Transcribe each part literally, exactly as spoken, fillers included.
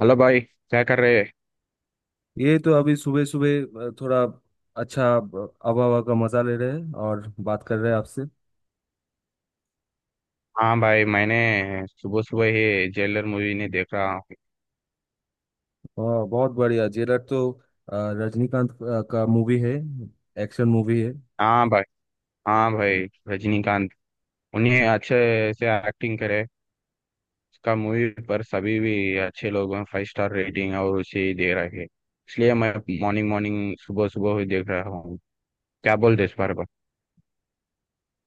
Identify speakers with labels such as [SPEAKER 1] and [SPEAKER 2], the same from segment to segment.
[SPEAKER 1] Hello भाई, क्या कर रहे?
[SPEAKER 2] ये तो अभी सुबह सुबह थोड़ा अच्छा अब- हवा हवा का मजा ले रहे हैं और बात कर रहे हैं आपसे।
[SPEAKER 1] हाँ भाई, मैंने सुबह सुबह ही जेलर मूवी ने देख रहा हूँ।
[SPEAKER 2] और बहुत बढ़िया। जेलर तो अ, रजनीकांत अ, का मूवी है। एक्शन मूवी है।
[SPEAKER 1] हाँ भाई, हाँ भाई, रजनीकांत उन्हें अच्छे से एक्टिंग करे। उसका मूवी पर सभी भी अच्छे लोग फाइव स्टार रेटिंग और उसे ही दे रहे हैं। इसलिए मैं मॉर्निंग मॉर्निंग सुबह सुबह ही देख रहा हूँ। क्या बोलते इस बारे पर?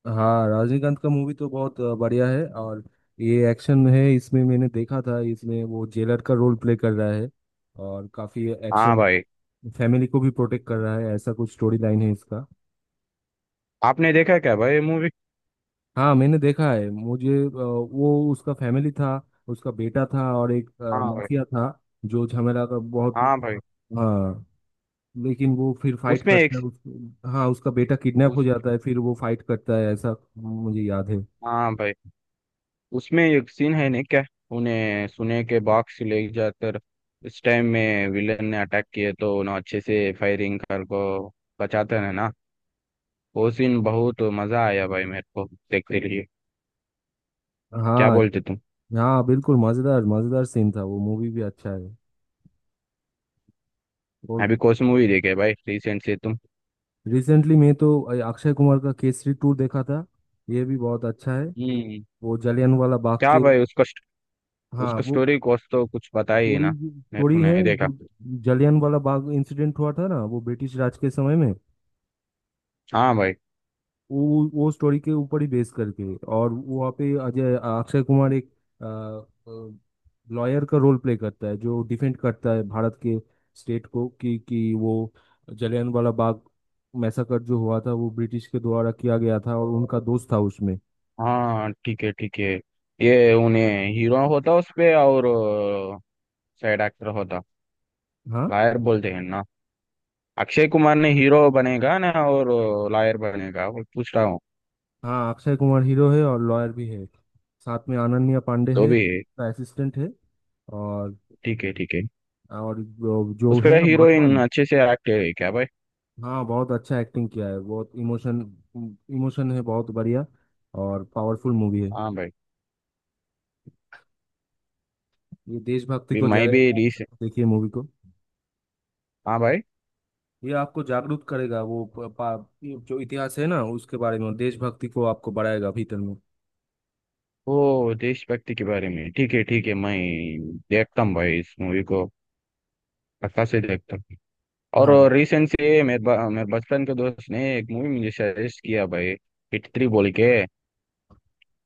[SPEAKER 2] हाँ, रजनीकांत का मूवी तो बहुत अ, बढ़िया है। और ये एक्शन है। इसमें मैंने देखा था, इसमें वो जेलर का रोल प्ले कर रहा है और काफी
[SPEAKER 1] हाँ
[SPEAKER 2] एक्शन
[SPEAKER 1] भाई।
[SPEAKER 2] फैमिली को भी प्रोटेक्ट कर रहा है। ऐसा कुछ स्टोरी लाइन है इसका।
[SPEAKER 1] आपने देखा क्या भाई मूवी?
[SPEAKER 2] हाँ, मैंने देखा है। मुझे अ, वो उसका फैमिली था, उसका बेटा था, और एक अ,
[SPEAKER 1] हाँ भाई,
[SPEAKER 2] माफिया था जो झमेला का बहुत।
[SPEAKER 1] हाँ भाई,
[SPEAKER 2] हाँ। लेकिन वो फिर फाइट
[SPEAKER 1] उसमें एक
[SPEAKER 2] करता है उसको। हाँ, उसका बेटा किडनैप हो
[SPEAKER 1] उसमें
[SPEAKER 2] जाता है, फिर वो फाइट करता है, ऐसा मुझे याद है।
[SPEAKER 1] हाँ भाई, उसमें एक सीन है नहीं क्या? उन्हें सुने के बॉक्स ले जाकर इस टाइम में विलन ने अटैक किए तो उन्हें अच्छे से फायरिंग कर को बचाते हैं ना। वो सीन बहुत मजा आया भाई मेरे को देखते लिए। क्या
[SPEAKER 2] हाँ।
[SPEAKER 1] बोलते तुम?
[SPEAKER 2] हाँ, बिल्कुल। मज़ेदार मज़ेदार सीन था वो। मूवी भी अच्छा है। और
[SPEAKER 1] अभी कौन सी मूवी देखे भाई रिसेंट से तुम?
[SPEAKER 2] रिसेंटली मैं तो अ, अक्षय कुमार का केसरी टू देखा था। ये भी बहुत अच्छा है।
[SPEAKER 1] हम्म।
[SPEAKER 2] वो जलियांवाला बाग
[SPEAKER 1] क्या
[SPEAKER 2] के।
[SPEAKER 1] भाई उसका स्ट-
[SPEAKER 2] हाँ,
[SPEAKER 1] उसका
[SPEAKER 2] वो
[SPEAKER 1] स्टोरी कुछ तो कुछ बताइए ना।
[SPEAKER 2] थोड़ी
[SPEAKER 1] मेरे को
[SPEAKER 2] थोड़ी है
[SPEAKER 1] नहीं देखा।
[SPEAKER 2] जो जलियांवाला बाग इंसिडेंट हुआ था ना, वो ब्रिटिश राज के समय में।
[SPEAKER 1] हाँ भाई।
[SPEAKER 2] वो वो स्टोरी के ऊपर ही बेस करके, और वहाँ पे अजय अक्षय कुमार एक लॉयर का रोल प्ले करता है, जो डिफेंड करता है भारत के स्टेट को कि कि वो जलियांवाला बाग मैसाकर जो हुआ था, वो ब्रिटिश के द्वारा किया गया था, और उनका दोस्त था उसमें।
[SPEAKER 1] हाँ, ठीक है, ठीक है। ये उन्हें हीरो होता उस पे और साइड एक्टर होता।
[SPEAKER 2] हाँ।
[SPEAKER 1] लायर बोलते हैं ना। अक्षय कुमार ने हीरो बनेगा ना और लॉयर बनेगा वो पूछ रहा हूँ।
[SPEAKER 2] हाँ, अक्षय कुमार हीरो है और लॉयर भी है। साथ में अनन्या पांडे
[SPEAKER 1] तो
[SPEAKER 2] है,
[SPEAKER 1] भी।
[SPEAKER 2] असिस्टेंट है। और
[SPEAKER 1] ठीक है, ठीक है।
[SPEAKER 2] और जो जो
[SPEAKER 1] उस पर
[SPEAKER 2] है ना,
[SPEAKER 1] हीरोइन
[SPEAKER 2] माधवन।
[SPEAKER 1] अच्छे से एक्ट है क्या भाई?
[SPEAKER 2] हाँ, बहुत अच्छा एक्टिंग किया है। बहुत इमोशन इमोशन है, बहुत बढ़िया। और पावरफुल मूवी है।
[SPEAKER 1] हाँ भाई।
[SPEAKER 2] ये देशभक्ति
[SPEAKER 1] भी
[SPEAKER 2] को
[SPEAKER 1] मैं भी
[SPEAKER 2] जाएगा।
[SPEAKER 1] रिस
[SPEAKER 2] देखिए मूवी को।
[SPEAKER 1] हाँ भाई।
[SPEAKER 2] ये आपको जागरूक करेगा वो प- पा, ये जो इतिहास है ना उसके बारे में। देशभक्ति को आपको बढ़ाएगा भीतर में।
[SPEAKER 1] वो देशभक्ति के बारे में, ठीक है, ठीक है, मैं देखता हूँ भाई इस मूवी को, पक्का से देखता हूँ। और
[SPEAKER 2] हाँ।
[SPEAKER 1] रिसेंट से मेरे ब- मेरे बचपन के दोस्त ने एक मूवी मुझे सजेस्ट किया भाई। हिट थ्री बोल के।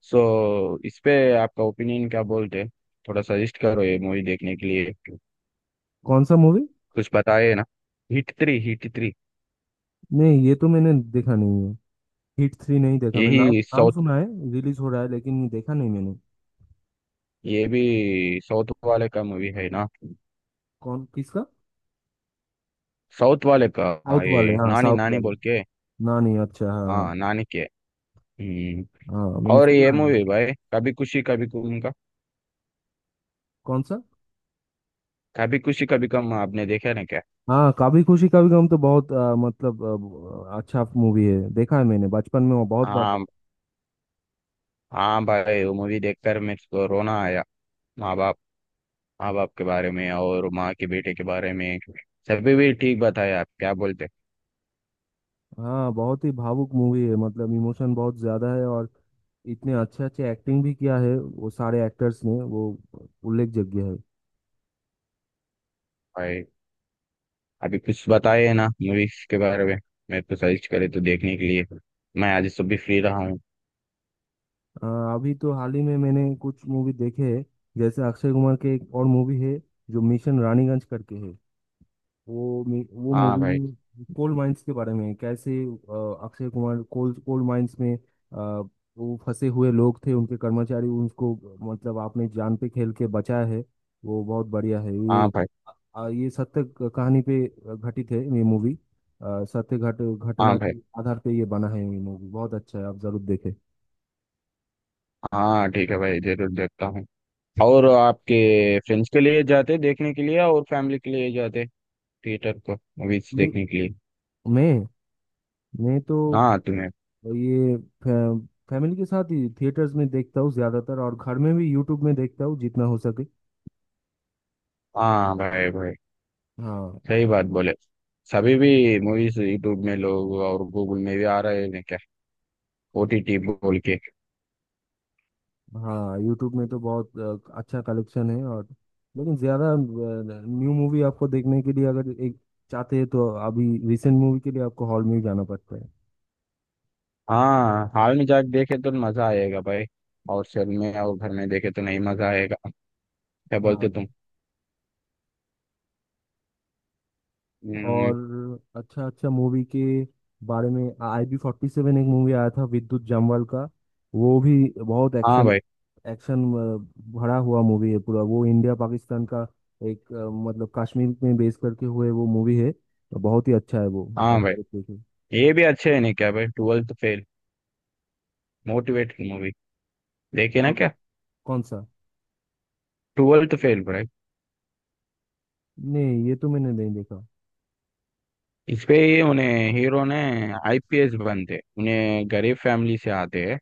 [SPEAKER 1] सो, इस पे आपका ओपिनियन क्या बोलते हैं? थोड़ा सजेस्ट करो ये मूवी देखने के लिए।
[SPEAKER 2] कौन सा मूवी?
[SPEAKER 1] कुछ बताए ना। Hit three, Hit three.
[SPEAKER 2] नहीं, ये तो मैंने देखा नहीं है। हिट थ्री नहीं देखा मैंने। नाम
[SPEAKER 1] यही
[SPEAKER 2] नाम
[SPEAKER 1] साउथ।
[SPEAKER 2] सुना है। रिलीज हो रहा है, लेकिन देखा नहीं मैंने।
[SPEAKER 1] ये भी साउथ वाले का मूवी है ना?
[SPEAKER 2] कौन किसका?
[SPEAKER 1] साउथ वाले का। हाँ,
[SPEAKER 2] साउथ वाले।
[SPEAKER 1] ये
[SPEAKER 2] हाँ,
[SPEAKER 1] नानी
[SPEAKER 2] साउथ
[SPEAKER 1] नानी
[SPEAKER 2] वाले।
[SPEAKER 1] बोल के।
[SPEAKER 2] ना, नहीं। अच्छा, हाँ।
[SPEAKER 1] हाँ नानी के। हम्म।
[SPEAKER 2] हाँ। हाँ, मैंने
[SPEAKER 1] और ये
[SPEAKER 2] सुना है।
[SPEAKER 1] मूवी भाई कभी खुशी कभी गम का।
[SPEAKER 2] कौन सा?
[SPEAKER 1] कभी खुशी कभी गम आपने देखा ना क्या?
[SPEAKER 2] हाँ, कभी खुशी कभी गम तो बहुत अ, मतलब अ, अच्छा मूवी है। देखा है मैंने बचपन में, वो बहुत बार
[SPEAKER 1] हाँ।
[SPEAKER 2] देखा।
[SPEAKER 1] हाँ भाई, वो मूवी देखकर मेरे को रोना आया। माँ बाप माँ बाप के बारे में और माँ के बेटे के बारे में। सभी भी ठीक बताया आप, क्या बोलते?
[SPEAKER 2] हाँ, बहुत ही भावुक मूवी है, मतलब इमोशन बहुत ज्यादा है। और इतने अच्छे अच्छे एक्टिंग भी किया है वो सारे एक्टर्स ने, वो उल्लेखযোग्य है।
[SPEAKER 1] भाई, अभी कुछ बताए है ना मूवीज के बारे में। मैं तो सर्च करे तो देखने के लिए। मैं आज सब भी फ्री रहा हूँ।
[SPEAKER 2] अ, अभी तो हाल ही में मैंने कुछ मूवी देखे हैं, जैसे अक्षय कुमार के एक और मूवी है जो मिशन रानीगंज करके है। वो मे- वो
[SPEAKER 1] हाँ भाई,
[SPEAKER 2] मूवी कोल माइंस के बारे में है। कैसे अ, Akshay Kumar coal coal mines में अ, वो फंसे हुए लोग थे, उनके कर्मचारी, उनको मतलब आपने जान पे खेल के बचाया है। वो बहुत बढ़िया है ये।
[SPEAKER 1] हाँ भाई,
[SPEAKER 2] अ, ये सत्य क- कहानी पे घटित है ये मूवी। सत्य घट
[SPEAKER 1] हाँ
[SPEAKER 2] घटना
[SPEAKER 1] भाई।
[SPEAKER 2] के आधार पे ये बना है। ये मूवी बहुत अच्छा है, आप जरूर देखें।
[SPEAKER 1] हाँ ठीक है भाई, जरूर देखता हूँ। और आपके फ्रेंड्स के लिए जाते देखने के लिए और फैमिली के लिए जाते थिएटर को मूवीज
[SPEAKER 2] मैं
[SPEAKER 1] देखने के लिए।
[SPEAKER 2] मैं मैं तो
[SPEAKER 1] हाँ तुम्हें।
[SPEAKER 2] ये फै, फैमिली के साथ ही थिएटर्स में देखता हूँ ज्यादातर, और घर में भी यूट्यूब में देखता हूँ जितना हो सके।
[SPEAKER 1] हाँ भाई, भाई,
[SPEAKER 2] हाँ।
[SPEAKER 1] सही बात बोले। सभी भी मूवीज यूट्यूब में लोग और गूगल में भी आ रहे हैं क्या? ओटीटी बोल के।
[SPEAKER 2] हाँ, यूट्यूब में तो बहुत अ, अच्छा कलेक्शन है। और लेकिन ज़्यादा न्यू मूवी आपको देखने के लिए अगर एक चाहते हैं, तो अभी रिसेंट मूवी के लिए आपको हॉल में ही जाना पड़ता है।
[SPEAKER 1] हाँ, हाल में जाके देखे तो मजा आएगा भाई। और शहर में और घर में देखे तो नहीं मजा आएगा। क्या बोलते
[SPEAKER 2] हाँ।
[SPEAKER 1] तुम? हम्म,
[SPEAKER 2] और अच्छा अच्छा मूवी के बारे में, आई बी फोर्टी सेवन एक मूवी आया था, विद्युत जामवाल का। वो भी बहुत
[SPEAKER 1] हाँ
[SPEAKER 2] एक्शन,
[SPEAKER 1] भाई,
[SPEAKER 2] एक्शन भरा हुआ मूवी है पूरा। वो इंडिया पाकिस्तान का एक अ, मतलब कश्मीर में बेस करके हुए वो मूवी है। तो बहुत ही अच्छा है वो, आप
[SPEAKER 1] हाँ भाई।
[SPEAKER 2] जरूर देखिए।
[SPEAKER 1] ये भी अच्छे है नहीं क्या भाई ट्वेल्थ फेल मोटिवेटेड मूवी देखे ना
[SPEAKER 2] कौन
[SPEAKER 1] क्या?
[SPEAKER 2] कौन सा?
[SPEAKER 1] ट्वेल्थ फेल भाई।
[SPEAKER 2] नहीं, ये तो मैंने नहीं देखा।
[SPEAKER 1] इस पे ही उन्हें हीरो ने आईपीएस बनते, उन्हें गरीब फैमिली से आते हैं।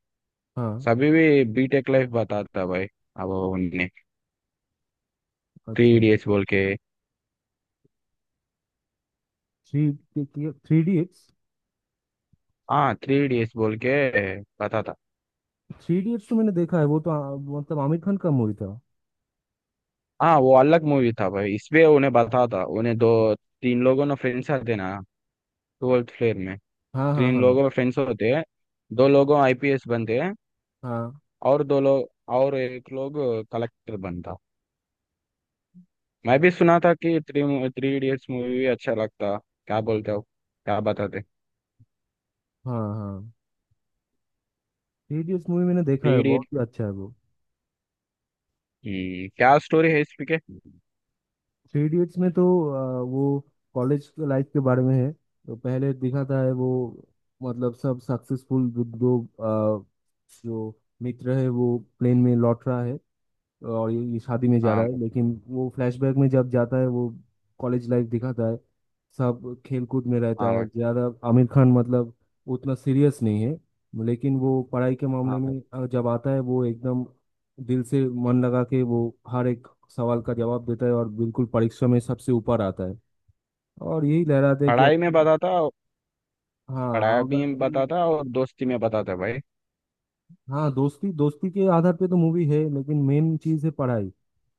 [SPEAKER 2] हाँ,
[SPEAKER 1] सभी भी बीटेक लाइफ बताता भाई। अब उन्हें थ्री
[SPEAKER 2] अच्छा।
[SPEAKER 1] इडियट्स बोल के।
[SPEAKER 2] Three three idiots.
[SPEAKER 1] हाँ, थ्री इडियट्स बोल के बताता।
[SPEAKER 2] थ्री इडियट्स तो मैंने देखा है, वो तो आ, मतलब आमिर खान का मूवी था।
[SPEAKER 1] हाँ, वो अलग मूवी था भाई, इसमें उन्हें बता था उन्हें दो तीन लोगों ने फ्रेंड्स आते ना। ट्वेल्थ फ्लेयर में।
[SPEAKER 2] हाँ, हाँ,
[SPEAKER 1] तीन लोगों में
[SPEAKER 2] हाँ,
[SPEAKER 1] फ्रेंड्स होते हैं। दो लोगों आईपीएस बनते हैं।
[SPEAKER 2] हाँ,
[SPEAKER 1] और दो लोग और एक लोग कलेक्टर बनता। मैं भी सुना था कि थ्री थ्री इडियट्स मूवी भी अच्छा लगता। क्या बोलते हो? क्या बताते?
[SPEAKER 2] हाँ, हाँ। थ्री इडियट्स मूवी मैंने देखा
[SPEAKER 1] थ्री
[SPEAKER 2] है,
[SPEAKER 1] इडियट।
[SPEAKER 2] बहुत ही अच्छा है वो।
[SPEAKER 1] क्या स्टोरी है इसमें के?
[SPEAKER 2] थ्री इडियट्स में तो आ, वो कॉलेज लाइफ के बारे में है। तो पहले दिखाता है वो, मतलब सब सक्सेसफुल, जो दो, आ, जो मित्र है वो प्लेन में लौट रहा है, और ये, ये शादी में जा
[SPEAKER 1] हाँ
[SPEAKER 2] रहा है,
[SPEAKER 1] भाई,
[SPEAKER 2] लेकिन वो फ्लैशबैक में जब जाता है वो कॉलेज लाइफ दिखाता है। सब खेलकूद में रहता
[SPEAKER 1] हाँ
[SPEAKER 2] है
[SPEAKER 1] भाई,
[SPEAKER 2] ज़्यादा आमिर खान, मतलब उतना सीरियस नहीं है। लेकिन वो पढ़ाई के
[SPEAKER 1] हाँ
[SPEAKER 2] मामले
[SPEAKER 1] भाई।
[SPEAKER 2] में अ, जब आता है, वो एकदम दिल से मन लगा के वो हर एक सवाल का जवाब देता है, और बिल्कुल परीक्षा में सबसे ऊपर आता है। और यही लहराता है कि अब।
[SPEAKER 1] पढ़ाई में बताता।
[SPEAKER 2] हाँ,
[SPEAKER 1] पढ़ाई
[SPEAKER 2] अगर
[SPEAKER 1] भी
[SPEAKER 2] कोई।
[SPEAKER 1] बताता और दोस्ती में बताता भाई।
[SPEAKER 2] हाँ, दोस्ती दोस्ती के आधार पे तो मूवी है, लेकिन मेन चीज़ है पढ़ाई।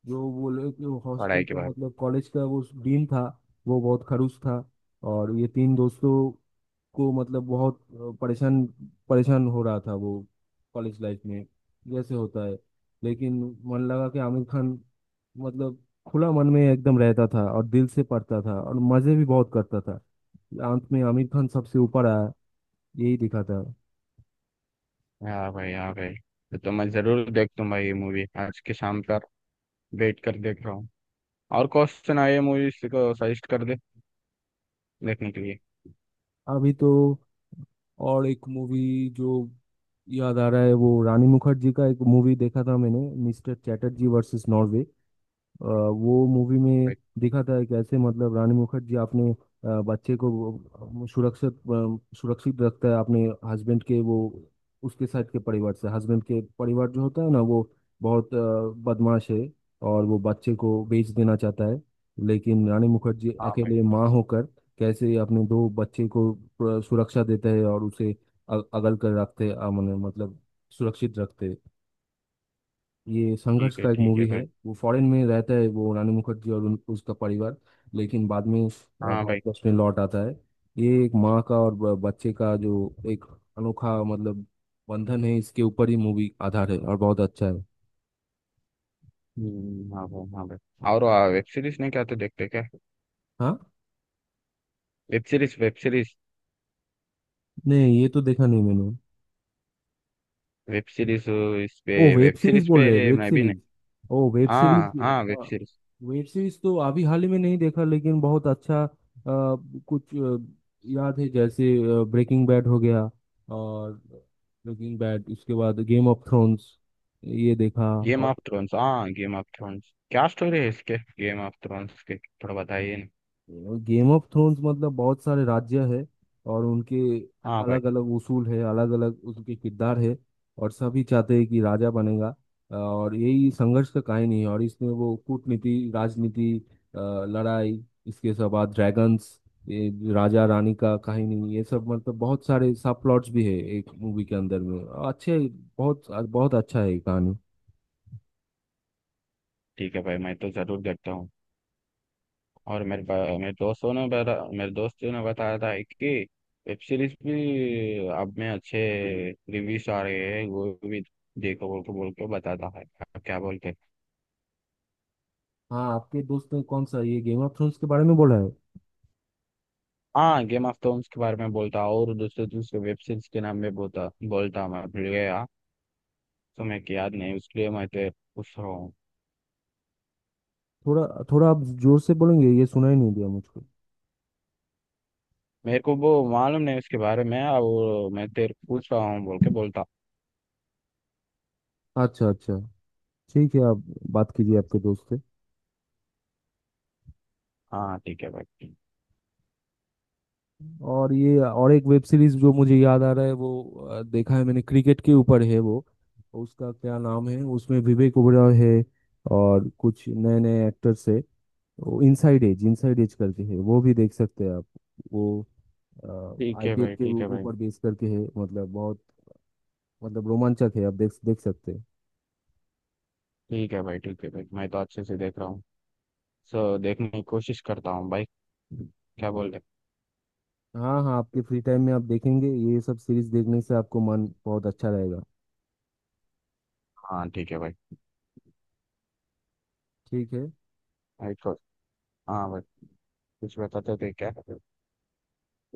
[SPEAKER 2] जो वो लोग, जो हॉस्टल
[SPEAKER 1] पढ़ाई के
[SPEAKER 2] का
[SPEAKER 1] बारे में।
[SPEAKER 2] मतलब कॉलेज का वो डीन था, वो बहुत खड़ूस था। और ये तीन दोस्तों को मतलब बहुत अ, परेशान परेशान हो रहा था वो कॉलेज लाइफ में, जैसे होता है। लेकिन मन लगा कि आमिर खान, मतलब खुला मन में एकदम रहता था और दिल से पढ़ता था, और मज़े भी बहुत करता था। अंत में आमिर खान सबसे ऊपर आया, यही दिखा था।
[SPEAKER 1] हाँ भाई, हाँ भाई। तो, तो मैं जरूर देखता हूँ भाई ये मूवी आज के शाम तक। वेट कर देख रहा हूँ। और क्वेश्चन आए मूवीज को सजेस्ट कर दे देखने के लिए।
[SPEAKER 2] अभी तो और एक मूवी जो याद आ रहा है, वो रानी मुखर्जी का एक मूवी देखा था मैंने, मिस्टर चैटर्जी वर्सेस नॉर्वे। अ, वो मूवी में
[SPEAKER 1] भाई।
[SPEAKER 2] दिखा था कैसे, मतलब रानी मुखर्जी अपने अ, बच्चे को वो सुरक्षित अ, सुरक्षित रखता है अपने हस्बैंड के, वो उसके साइड के परिवार से। हस्बैंड के परिवार जो होता है ना, वो बहुत अ, बदमाश है और वो बच्चे को बेच देना चाहता है। लेकिन रानी मुखर्जी
[SPEAKER 1] हाँ भाई।
[SPEAKER 2] अकेले माँ होकर कैसे अपने दो बच्चे को अ, सुरक्षा देते हैं और उसे अ- अगल कर रखते अ, मतलब सुरक्षित रखते हैं। ये संघर्ष
[SPEAKER 1] ठीक है,
[SPEAKER 2] का एक
[SPEAKER 1] ठीक
[SPEAKER 2] मूवी
[SPEAKER 1] है भाई।
[SPEAKER 2] है। वो फॉरेन में रहता है वो रानी मुखर्जी और उन, उसका परिवार, लेकिन बाद में अ,
[SPEAKER 1] हाँ भाई।
[SPEAKER 2] भारतवर्ष में लौट आता है। ये एक माँ का और ब- बच्चे का जो एक अनोखा, मतलब बंधन है, इसके ऊपर ही मूवी आधार है और बहुत अच्छा है।
[SPEAKER 1] हम्म, हाँ भाई, हाँ भाई। और वेब सीरीज नहीं क्या तो देखते क्या?
[SPEAKER 2] हाँ।
[SPEAKER 1] Web series, web series.
[SPEAKER 2] नहीं, ये तो देखा नहीं मैंने।
[SPEAKER 1] वेब सीरीज इस पे
[SPEAKER 2] ओ, वेब
[SPEAKER 1] वेब
[SPEAKER 2] सीरीज
[SPEAKER 1] सीरीज
[SPEAKER 2] बोल रहे हैं,
[SPEAKER 1] पे
[SPEAKER 2] वेब
[SPEAKER 1] मैं भी
[SPEAKER 2] सीरीज।
[SPEAKER 1] नहीं।
[SPEAKER 2] ओ, वेब सीरीज।
[SPEAKER 1] हाँ, हाँ, वेब
[SPEAKER 2] हाँ,
[SPEAKER 1] सीरीज।
[SPEAKER 2] वेब सीरीज तो अभी हाल ही में नहीं देखा, लेकिन बहुत अच्छा अ, कुछ अ, याद है, जैसे ब्रेकिंग बैड हो गया। और ब्रेकिंग बैड, उसके बाद गेम ऑफ थ्रोन्स, ये देखा।
[SPEAKER 1] गेम
[SPEAKER 2] और
[SPEAKER 1] ऑफ थ्रोन्स, हाँ गेम ऑफ थ्रोन्स क्या स्टोरी है इसके गेम ऑफ थ्रोन्स के थोड़ा बताइए ना?
[SPEAKER 2] गेम ऑफ थ्रोन्स मतलब बहुत सारे राज्य है, और उनके
[SPEAKER 1] हाँ भाई।
[SPEAKER 2] अलग अलग उसूल है, अलग अलग उनके किरदार है। और सभी चाहते हैं कि राजा बनेगा, और यही संघर्ष का कहानी है। और इसमें वो कूटनीति, राजनीति, अ, लड़ाई, इसके सब बाद ड्रैगन्स, ये राजा रानी का कहानी, ये सब, मतलब बहुत सारे सब प्लॉट्स भी है एक मूवी के अंदर में। अच्छे, बहुत बहुत अच्छा है ये कहानी।
[SPEAKER 1] ठीक है भाई, मैं तो जरूर देखता हूँ। और मेरे पा- मेरे दोस्तों ने बता मेरे दोस्त ने बताया था कि वेब सीरीज भी अब में अच्छे रिव्यूज आ रहे हैं वो भी देखो बोल के बोल के बताता है। आप क्या बोलते हैं?
[SPEAKER 2] हाँ, आपके दोस्त ने कौन सा, ये गेम ऑफ थ्रोन्स के बारे में बोला है?
[SPEAKER 1] हाँ, गेम ऑफ थ्रोन्स के बारे में बोलता और दूसरे दूसरे वेब सीरीज के नाम में बोलता बोलता मैं भूल गया। तो मैं क्या याद नहीं उसके लिए मैं तेरे पूछ रहा हूँ।
[SPEAKER 2] थोड़ा थोड़ा आप जोर से बोलेंगे, ये सुनाई नहीं दिया मुझको।
[SPEAKER 1] मेरे को वो मालूम नहीं उसके बारे में और मैं तेरे को पूछ रहा हूँ बोल के बोलता।
[SPEAKER 2] अच्छा अच्छा। ठीक है, आप बात कीजिए आपके दोस्त से।
[SPEAKER 1] हाँ, ठीक है भाई।
[SPEAKER 2] और ये और एक वेब सीरीज जो मुझे याद आ रहा है, वो अ, देखा है मैंने। क्रिकेट के ऊपर है वो, उसका क्या नाम है, उसमें विवेक ओबेरॉय है और कुछ नए नए एक्टर्स है। वो इनसाइड एज, इनसाइड एज करके है, वो भी देख सकते हैं आप। वो
[SPEAKER 1] ठीक है
[SPEAKER 2] आई पी एल
[SPEAKER 1] भाई,
[SPEAKER 2] के
[SPEAKER 1] ठीक है भाई,
[SPEAKER 2] ऊपर बेस करके है, मतलब बहुत मतलब रोमांचक है। आप देख देख सकते हैं।
[SPEAKER 1] ठीक है भाई। ठीक है भाई मैं तो अच्छे से देख रहा हूँ। सो, देखने की कोशिश करता हूँ भाई। क्या बोल रहे?
[SPEAKER 2] हाँ। हाँ, आपके फ्री टाइम में आप देखेंगे, ये सब सीरीज देखने से आपको मन बहुत अच्छा रहेगा।
[SPEAKER 1] हाँ ठीक है भाई।
[SPEAKER 2] ठीक है।
[SPEAKER 1] राइट को। हाँ भाई। कुछ बताते थे क्या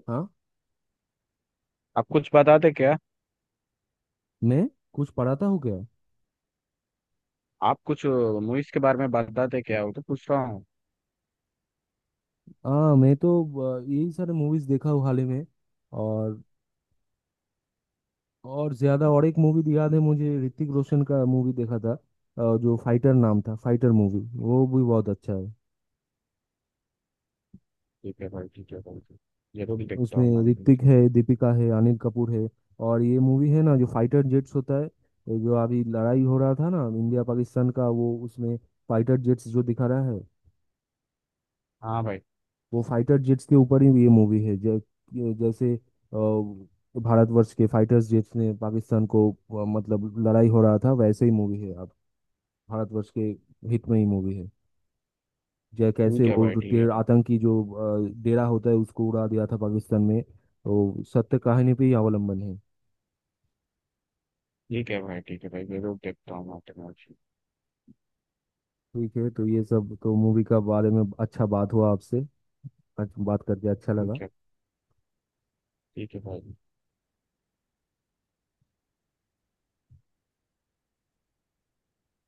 [SPEAKER 2] हाँ,
[SPEAKER 1] आप? कुछ बताते क्या?
[SPEAKER 2] मैं कुछ पढ़ाता हूँ क्या?
[SPEAKER 1] आप कुछ मूवीज के बारे में बताते क्या, वो तो पूछ रहा हूँ?
[SPEAKER 2] हाँ, मैं तो अ, यही सारे मूवीज देखा हूँ हाल ही में। और और ज्यादा और एक मूवी याद है मुझे। ऋतिक रोशन का मूवी देखा था अ, जो फाइटर नाम था, फाइटर मूवी, वो भी बहुत अच्छा है।
[SPEAKER 1] ठीक है भाई, ठीक है भाई, जरूर देखता हूँ
[SPEAKER 2] उसमें
[SPEAKER 1] मान
[SPEAKER 2] ऋतिक
[SPEAKER 1] लीजिए।
[SPEAKER 2] है, दीपिका है, अनिल कपूर है। और ये मूवी है ना, जो फाइटर जेट्स होता है, ये जो अभी लड़ाई हो रहा था ना, इंडिया पाकिस्तान का, वो उसमें फाइटर जेट्स जो दिखा रहा है,
[SPEAKER 1] हाँ भाई।
[SPEAKER 2] वो फाइटर जेट्स के ऊपर ही ये मूवी है। जै, जैसे अ, भारतवर्ष के फाइटर्स जेट्स ने पाकिस्तान को अ, मतलब लड़ाई हो रहा था, वैसे ही मूवी है। अब भारतवर्ष के हित में ही मूवी है। जै कैसे
[SPEAKER 1] ठीक है
[SPEAKER 2] वो
[SPEAKER 1] भाई, ठीक है
[SPEAKER 2] टेर-
[SPEAKER 1] भाई,
[SPEAKER 2] आतंकी जो अ, डेरा होता है उसको उड़ा दिया था पाकिस्तान में, तो सत्य कहानी पे ही अवलंबन है।
[SPEAKER 1] ठीक है भाई, ठीक है भाई, जरूर देखता हूँ माउंटेन मौसी।
[SPEAKER 2] ठीक है, तो ये सब तो मूवी का बारे में अच्छा बात हुआ आपसे। आज बात करके अच्छा लगा।
[SPEAKER 1] ठीक है, ठीक है भाई।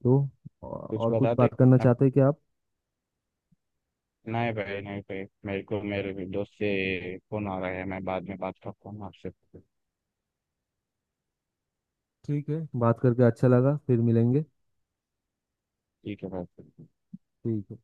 [SPEAKER 2] तो और
[SPEAKER 1] कुछ
[SPEAKER 2] और कुछ
[SPEAKER 1] बताते
[SPEAKER 2] बात करना
[SPEAKER 1] अब?
[SPEAKER 2] चाहते हैं क्या आप?
[SPEAKER 1] नहीं भाई, नहीं भाई, मेरे को मेरे दोस्त से फोन आ रहा है, मैं बाद में बात करता हूँ आपसे।
[SPEAKER 2] ठीक है, बात करके अच्छा लगा, फिर मिलेंगे।
[SPEAKER 1] ठीक है भाई।
[SPEAKER 2] ठीक है।